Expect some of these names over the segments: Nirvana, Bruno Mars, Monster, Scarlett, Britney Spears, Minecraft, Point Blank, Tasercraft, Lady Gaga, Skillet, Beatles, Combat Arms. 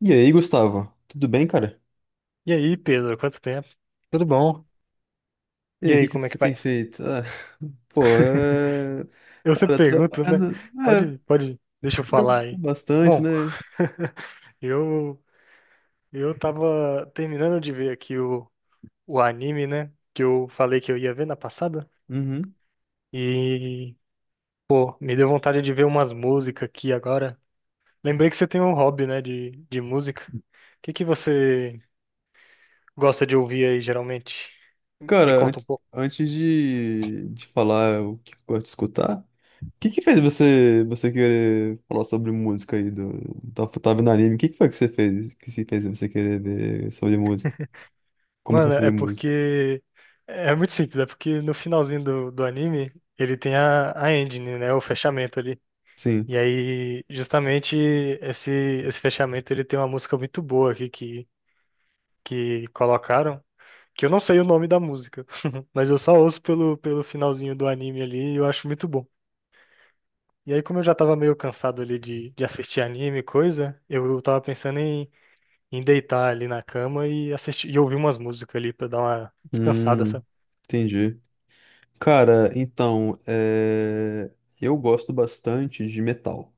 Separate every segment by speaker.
Speaker 1: E aí, Gustavo? Tudo bem, cara?
Speaker 2: E aí, Pedro, quanto tempo? Tudo bom?
Speaker 1: E
Speaker 2: E
Speaker 1: aí, o
Speaker 2: aí,
Speaker 1: que que
Speaker 2: como é
Speaker 1: você
Speaker 2: que
Speaker 1: tem
Speaker 2: vai?
Speaker 1: feito? Ah, pô, é.
Speaker 2: Eu sempre
Speaker 1: Cara,
Speaker 2: pergunto, né?
Speaker 1: trabalhando. É,
Speaker 2: Pode, pode, deixa eu
Speaker 1: eu-
Speaker 2: falar aí.
Speaker 1: bastante,
Speaker 2: Bom,
Speaker 1: né?
Speaker 2: eu eu tava terminando de ver aqui o anime, né? Que eu falei que eu ia ver na passada.
Speaker 1: Uhum.
Speaker 2: E, pô, me deu vontade de ver umas músicas aqui agora. Lembrei que você tem um hobby, né, de música. O que que você gosta de ouvir aí, geralmente? Me
Speaker 1: Cara,
Speaker 2: conta um
Speaker 1: antes,
Speaker 2: pouco.
Speaker 1: antes de falar o que eu gosto de escutar, o que que fez você querer falar sobre música aí? Tava no anime, o que que foi que você fez? Que se fez você querer ver sobre música? Começar
Speaker 2: Mano, é
Speaker 1: sobre música?
Speaker 2: porque. É muito simples, é porque no finalzinho do anime ele tem a ending, né? O fechamento ali.
Speaker 1: Sim.
Speaker 2: E aí, justamente, esse, esse fechamento ele tem uma música muito boa aqui que colocaram, que eu não sei o nome da música, mas eu só ouço pelo finalzinho do anime ali e eu acho muito bom. E aí, como eu já tava meio cansado ali de assistir anime e coisa, eu tava pensando em, em deitar ali na cama e assistir e ouvir umas músicas ali pra dar uma descansada,
Speaker 1: Hum, entendi. Cara, então, eu gosto bastante de metal.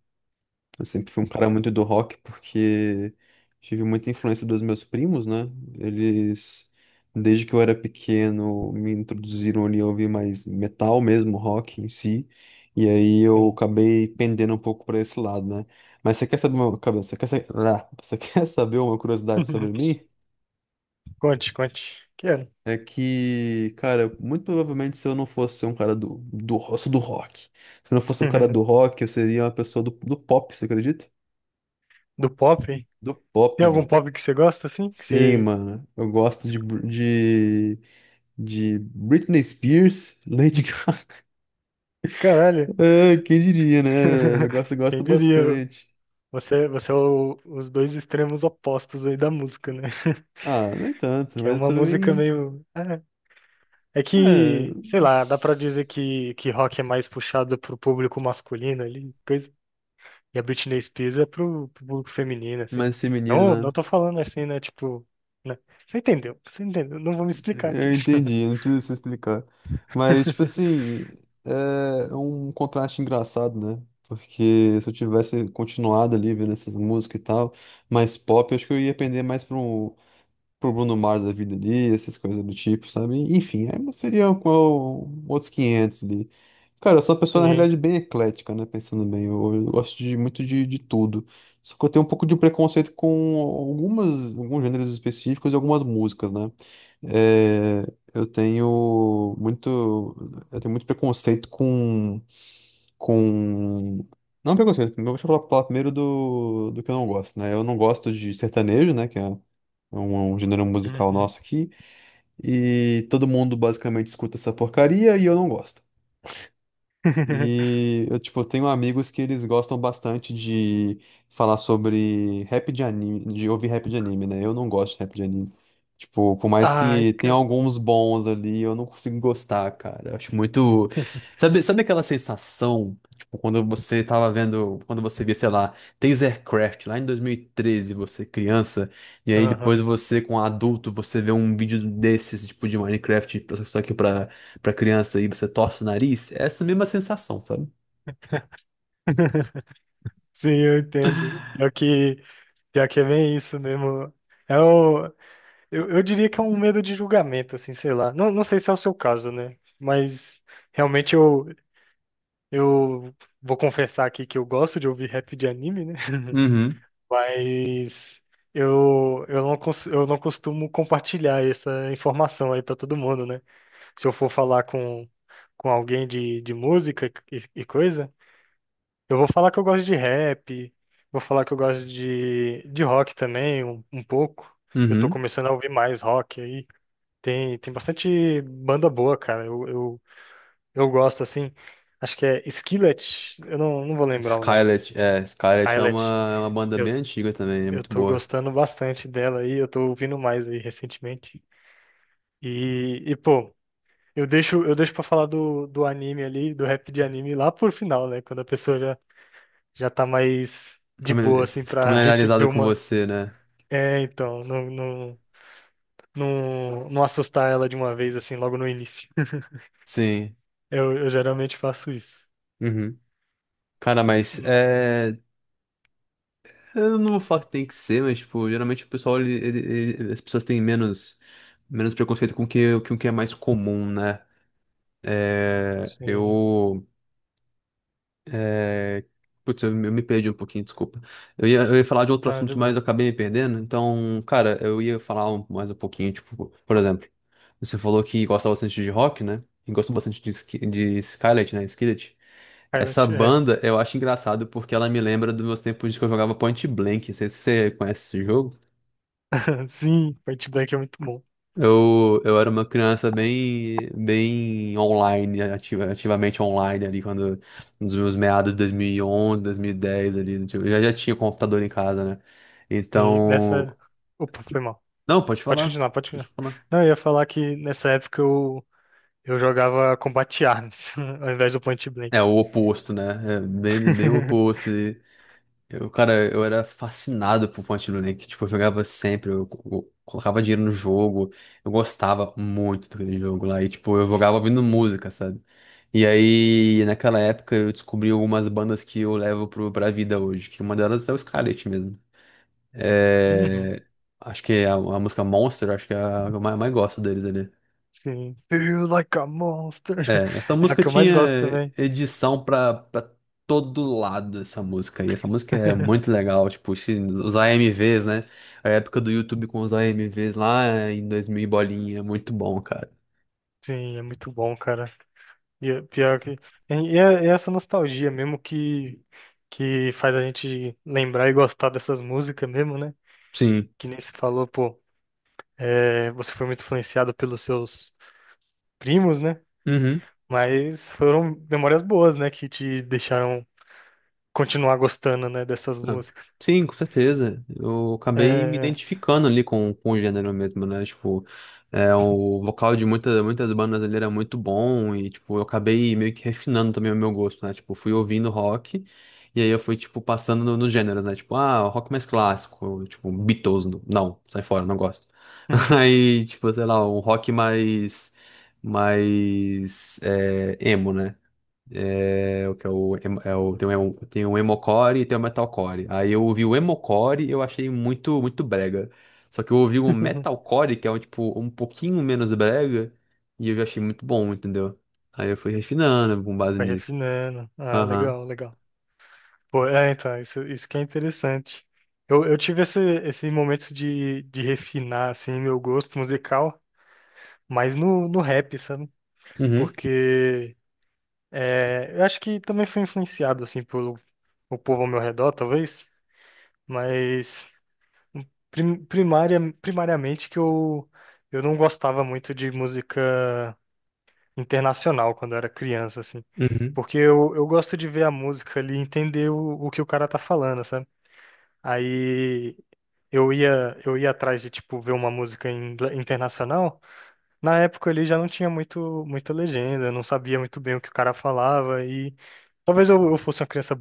Speaker 1: Eu sempre fui um cara muito do rock porque tive muita influência dos meus primos, né? Eles, desde que eu era pequeno, me introduziram ali a ouvir mais metal mesmo, rock em si. E aí eu
Speaker 2: sabe?
Speaker 1: acabei pendendo um pouco para esse lado, né? Mas você quer saber uma... cabe- ah, você quer saber uma curiosidade sobre mim?
Speaker 2: Conte, conte. Quero.
Speaker 1: É que, cara, muito provavelmente se eu não fosse um cara eu sou do rock. Se eu não fosse um cara do rock, eu seria uma pessoa do pop, você acredita?
Speaker 2: Do pop?
Speaker 1: Do pop,
Speaker 2: Tem algum
Speaker 1: velho.
Speaker 2: pop que você gosta assim? Que
Speaker 1: Sim,
Speaker 2: você.
Speaker 1: mano. Eu gosto de Britney Spears, Lady Gaga.
Speaker 2: Caralho.
Speaker 1: Ah, quem diria, né? Eu gosto
Speaker 2: Quem diria?
Speaker 1: bastante.
Speaker 2: Você é o- os dois extremos opostos aí da música, né?
Speaker 1: Ah, nem tanto,
Speaker 2: Que é
Speaker 1: mas eu
Speaker 2: uma música
Speaker 1: também.
Speaker 2: meio. É, é
Speaker 1: É.
Speaker 2: que, sei lá, dá pra dizer que rock é mais puxado pro público masculino ali, coisa. E a Britney Spears é pro, pro público feminino, assim.
Speaker 1: Mais feminino,
Speaker 2: Não,
Speaker 1: né?
Speaker 2: não tô falando assim, né? Tipo. Né? Você entendeu? Você entendeu? Não vou me explicar aqui.
Speaker 1: Eu entendi, não precisa se explicar. Mas, tipo assim, é um contraste engraçado, né? Porque se eu tivesse continuado ali vendo essas músicas e tal, mais pop, eu acho que eu ia pender mais pro Bruno Mars da vida ali, essas coisas do tipo, sabe? Enfim, aí seria qual, outros 500 ali. Cara, eu sou uma pessoa, na
Speaker 2: Sim.
Speaker 1: realidade, bem eclética, né? Pensando bem, eu gosto de muito de tudo. Só que eu tenho um pouco de preconceito com algumas, alguns gêneros específicos e algumas músicas, né? É, eu tenho muito, eu tenho muito preconceito com, não preconceito, deixa eu falar primeiro do que eu não gosto, né? Eu não gosto de sertanejo, né? Que é um gênero musical
Speaker 2: Uhum.
Speaker 1: nosso aqui, e todo mundo basicamente escuta essa porcaria e eu não gosto. E eu, tipo, tenho amigos que eles gostam bastante de falar sobre rap de anime, de ouvir rap de anime, né? Eu não gosto de rap de anime. Tipo, por mais
Speaker 2: Ai,
Speaker 1: que tenha
Speaker 2: cara.
Speaker 1: alguns bons ali, eu não consigo gostar, cara. Eu acho muito. Sabe aquela sensação, tipo, quando você via, sei lá, Tasercraft lá em 2013, você criança, e aí depois
Speaker 2: Aham.
Speaker 1: você, com adulto, você vê um vídeo desses, tipo, de Minecraft, só que pra criança e você torce o nariz, é essa mesma sensação, sabe?
Speaker 2: Sim, eu entendo. Pior que é bem isso mesmo. É o, eu diria que é um medo de julgamento, assim, sei lá. Não, não sei se é o seu caso, né? Mas realmente eu vou confessar aqui que eu gosto de ouvir rap de anime, né?
Speaker 1: Uhum.
Speaker 2: Mas eu não, eu não costumo compartilhar essa informação aí pra todo mundo, né? Se eu for falar com alguém de música e coisa. Eu vou falar que eu gosto de rap, vou falar que eu gosto de rock também, um pouco. Eu tô
Speaker 1: Uhum.
Speaker 2: começando a ouvir mais rock aí. Tem bastante banda boa, cara. Eu gosto, assim. Acho que é Skillet, eu não, não vou lembrar o nome.
Speaker 1: Scarlett é uma,
Speaker 2: Skillet.
Speaker 1: é uma banda
Speaker 2: Eu,
Speaker 1: bem antiga também, é
Speaker 2: eu
Speaker 1: muito
Speaker 2: tô
Speaker 1: boa.
Speaker 2: gostando bastante dela aí, eu tô ouvindo mais aí recentemente. E pô, eu deixo pra falar do anime ali, do rap de anime lá por final, né? Quando a pessoa já, já tá mais de boa,
Speaker 1: Famili-
Speaker 2: assim, pra receber
Speaker 1: Familiarizada com
Speaker 2: uma
Speaker 1: você, né?
Speaker 2: É, então, não assustar ela de uma vez, assim, logo no início.
Speaker 1: Sim.
Speaker 2: Eu geralmente faço isso.
Speaker 1: Uhum. Cara, mas
Speaker 2: Hum,
Speaker 1: é. Eu não vou falar que tem que ser, mas, tipo, geralmente o pessoal, as pessoas têm menos preconceito com o que é mais comum, né? É,
Speaker 2: sim.
Speaker 1: eu. Putz, eu me perdi um pouquinho, desculpa. Eu ia falar de outro
Speaker 2: Ah, de
Speaker 1: assunto, mas
Speaker 2: bom.
Speaker 1: eu acabei me perdendo. Então, cara, eu ia falar mais um pouquinho, tipo, por exemplo, você falou que gosta bastante de rock, né? E gosta bastante de Skillet, né? Skillet. Essa
Speaker 2: Pilot, é.
Speaker 1: banda eu acho engraçado porque ela me lembra dos meus tempos de que eu jogava Point Blank. Não sei se você conhece esse jogo.
Speaker 2: Sim, Point Blank é muito bom.
Speaker 1: Eu era uma criança bem, bem online, ativamente online ali, quando, nos meus meados de 2011, 2010 ali, tipo, eu já tinha computador em casa, né?
Speaker 2: E
Speaker 1: Então,
Speaker 2: nessa. Opa, foi mal.
Speaker 1: não, pode
Speaker 2: Pode
Speaker 1: falar,
Speaker 2: continuar, pode
Speaker 1: pode
Speaker 2: continuar.
Speaker 1: falar.
Speaker 2: Não, eu ia falar que nessa época eu jogava Combat Arms, ao invés do Point Blank.
Speaker 1: É o oposto, né? É bem, bem o oposto. Eu, cara, eu era fascinado por Point and Click. Tipo, eu jogava sempre, eu, colocava dinheiro no jogo. Eu gostava muito daquele jogo lá. E, tipo, eu jogava ouvindo
Speaker 2: Sim.
Speaker 1: música, sabe? E aí, naquela época, eu descobri algumas bandas que eu levo pra vida hoje. Que uma delas é o Scarlett mesmo.
Speaker 2: Uhum,
Speaker 1: É, acho que é a música Monster, acho que é a que eu mais gosto deles ali.
Speaker 2: sim. Feel like a monster.
Speaker 1: É, essa
Speaker 2: É a
Speaker 1: música
Speaker 2: que eu mais gosto
Speaker 1: tinha
Speaker 2: também.
Speaker 1: edição pra todo lado, essa música. E essa música é muito legal, tipo, os AMVs, né? A época do YouTube com os AMVs lá em 2000 e bolinha, é muito bom, cara.
Speaker 2: Sim, é muito bom, cara. E é pior que. E é essa nostalgia mesmo que faz a gente lembrar e gostar dessas músicas mesmo, né?
Speaker 1: Sim.
Speaker 2: Que nem você falou, pô, é, você foi muito influenciado pelos seus primos, né? Mas foram memórias boas, né? Que te deixaram continuar gostando, né? Dessas
Speaker 1: Ah,
Speaker 2: músicas.
Speaker 1: sim, com certeza. Eu acabei me
Speaker 2: É...
Speaker 1: identificando ali com o gênero mesmo, né? Tipo, o vocal de muitas, muitas bandas ali era muito bom e, tipo, eu acabei meio que refinando também o meu gosto, né? Tipo, fui ouvindo rock e aí eu fui, tipo, passando nos gêneros, né? Tipo, ah, rock mais clássico, tipo, Beatles, não, sai fora, não gosto.
Speaker 2: Uhum.
Speaker 1: Aí, tipo, sei lá, um rock emo, né? É, o que é o, é o, tem um emocore e tem um metalcore. Aí eu ouvi o emocore e eu achei muito, muito brega. Só que eu ouvi o metalcore, que é um, tipo, um pouquinho menos brega, e eu já achei muito bom, entendeu? Aí eu fui refinando com base
Speaker 2: Vai
Speaker 1: nisso.
Speaker 2: refinando. Ah,
Speaker 1: Aham.
Speaker 2: legal, legal. Pô, é, então, isso que é interessante. Eu tive esse, esse momento de refinar, assim, meu gosto musical. Mas no, no rap, sabe?
Speaker 1: Uhum.
Speaker 2: Porque é, eu acho que também foi influenciado, assim, pelo o povo ao meu redor, talvez, mas primária, primariamente que eu não gostava muito de música internacional quando eu era criança, assim.
Speaker 1: Uhum.
Speaker 2: Porque eu gosto de ver a música ali e entender o que o cara tá falando, sabe? Aí eu ia atrás de, tipo, ver uma música em internacional. Na época ele já não tinha muito, muita legenda, eu não sabia muito bem o que o cara falava e talvez eu fosse uma criança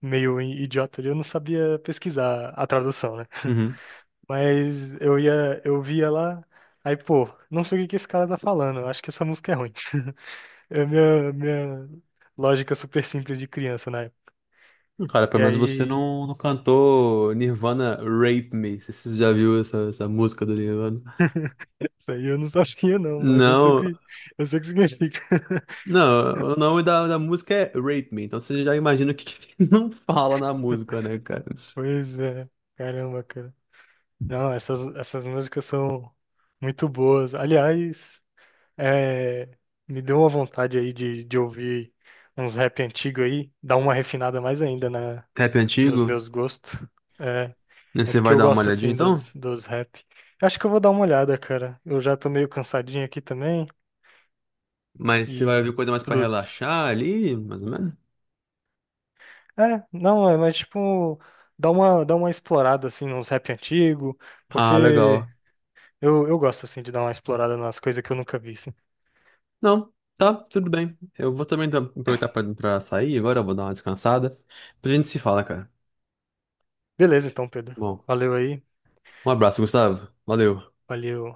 Speaker 2: meio idiota, eu não sabia pesquisar a tradução, né?
Speaker 1: Uhum.
Speaker 2: Mas eu ia, eu via lá, aí pô, não sei o que que esse cara tá falando, eu acho que essa música é ruim. É a minha, minha lógica super simples de criança, né?
Speaker 1: Cara,
Speaker 2: E
Speaker 1: pelo menos você
Speaker 2: aí,
Speaker 1: não cantou Nirvana Rape Me. Você já viu essa música do Nirvana?
Speaker 2: isso aí eu não sabia não, mas
Speaker 1: Não.
Speaker 2: eu sei o que significa.
Speaker 1: Não, o nome da música é Rape Me, então você já imagina o que não fala na música, né, cara?
Speaker 2: Pois é, caramba, cara. Não, essas, essas músicas são muito boas. Aliás, é, me deu uma vontade aí de ouvir uns rap antigo aí, dar uma refinada mais ainda na,
Speaker 1: Rap
Speaker 2: nos
Speaker 1: antigo,
Speaker 2: meus gostos. É,
Speaker 1: né?
Speaker 2: é
Speaker 1: Você
Speaker 2: porque
Speaker 1: vai
Speaker 2: eu
Speaker 1: dar uma
Speaker 2: gosto
Speaker 1: olhadinha
Speaker 2: assim
Speaker 1: então?
Speaker 2: dos, dos rap. Eu acho que eu vou dar uma olhada, cara. Eu já tô meio cansadinho aqui também
Speaker 1: Mas você vai
Speaker 2: e
Speaker 1: ouvir coisa mais pra
Speaker 2: tudo.
Speaker 1: relaxar ali, mais ou menos?
Speaker 2: É, não, é, mas tipo, dá uma explorada assim nos rap antigo,
Speaker 1: Ah,
Speaker 2: porque
Speaker 1: legal.
Speaker 2: eu gosto assim de dar uma explorada nas coisas que eu nunca vi, assim.
Speaker 1: Não, tá, tudo bem. Eu vou também aproveitar pra sair agora, eu vou dar uma descansada. Pra gente se fala, cara.
Speaker 2: Beleza, então, Pedro.
Speaker 1: Bom,
Speaker 2: Valeu aí.
Speaker 1: um abraço, Gustavo. Valeu.
Speaker 2: Valeu.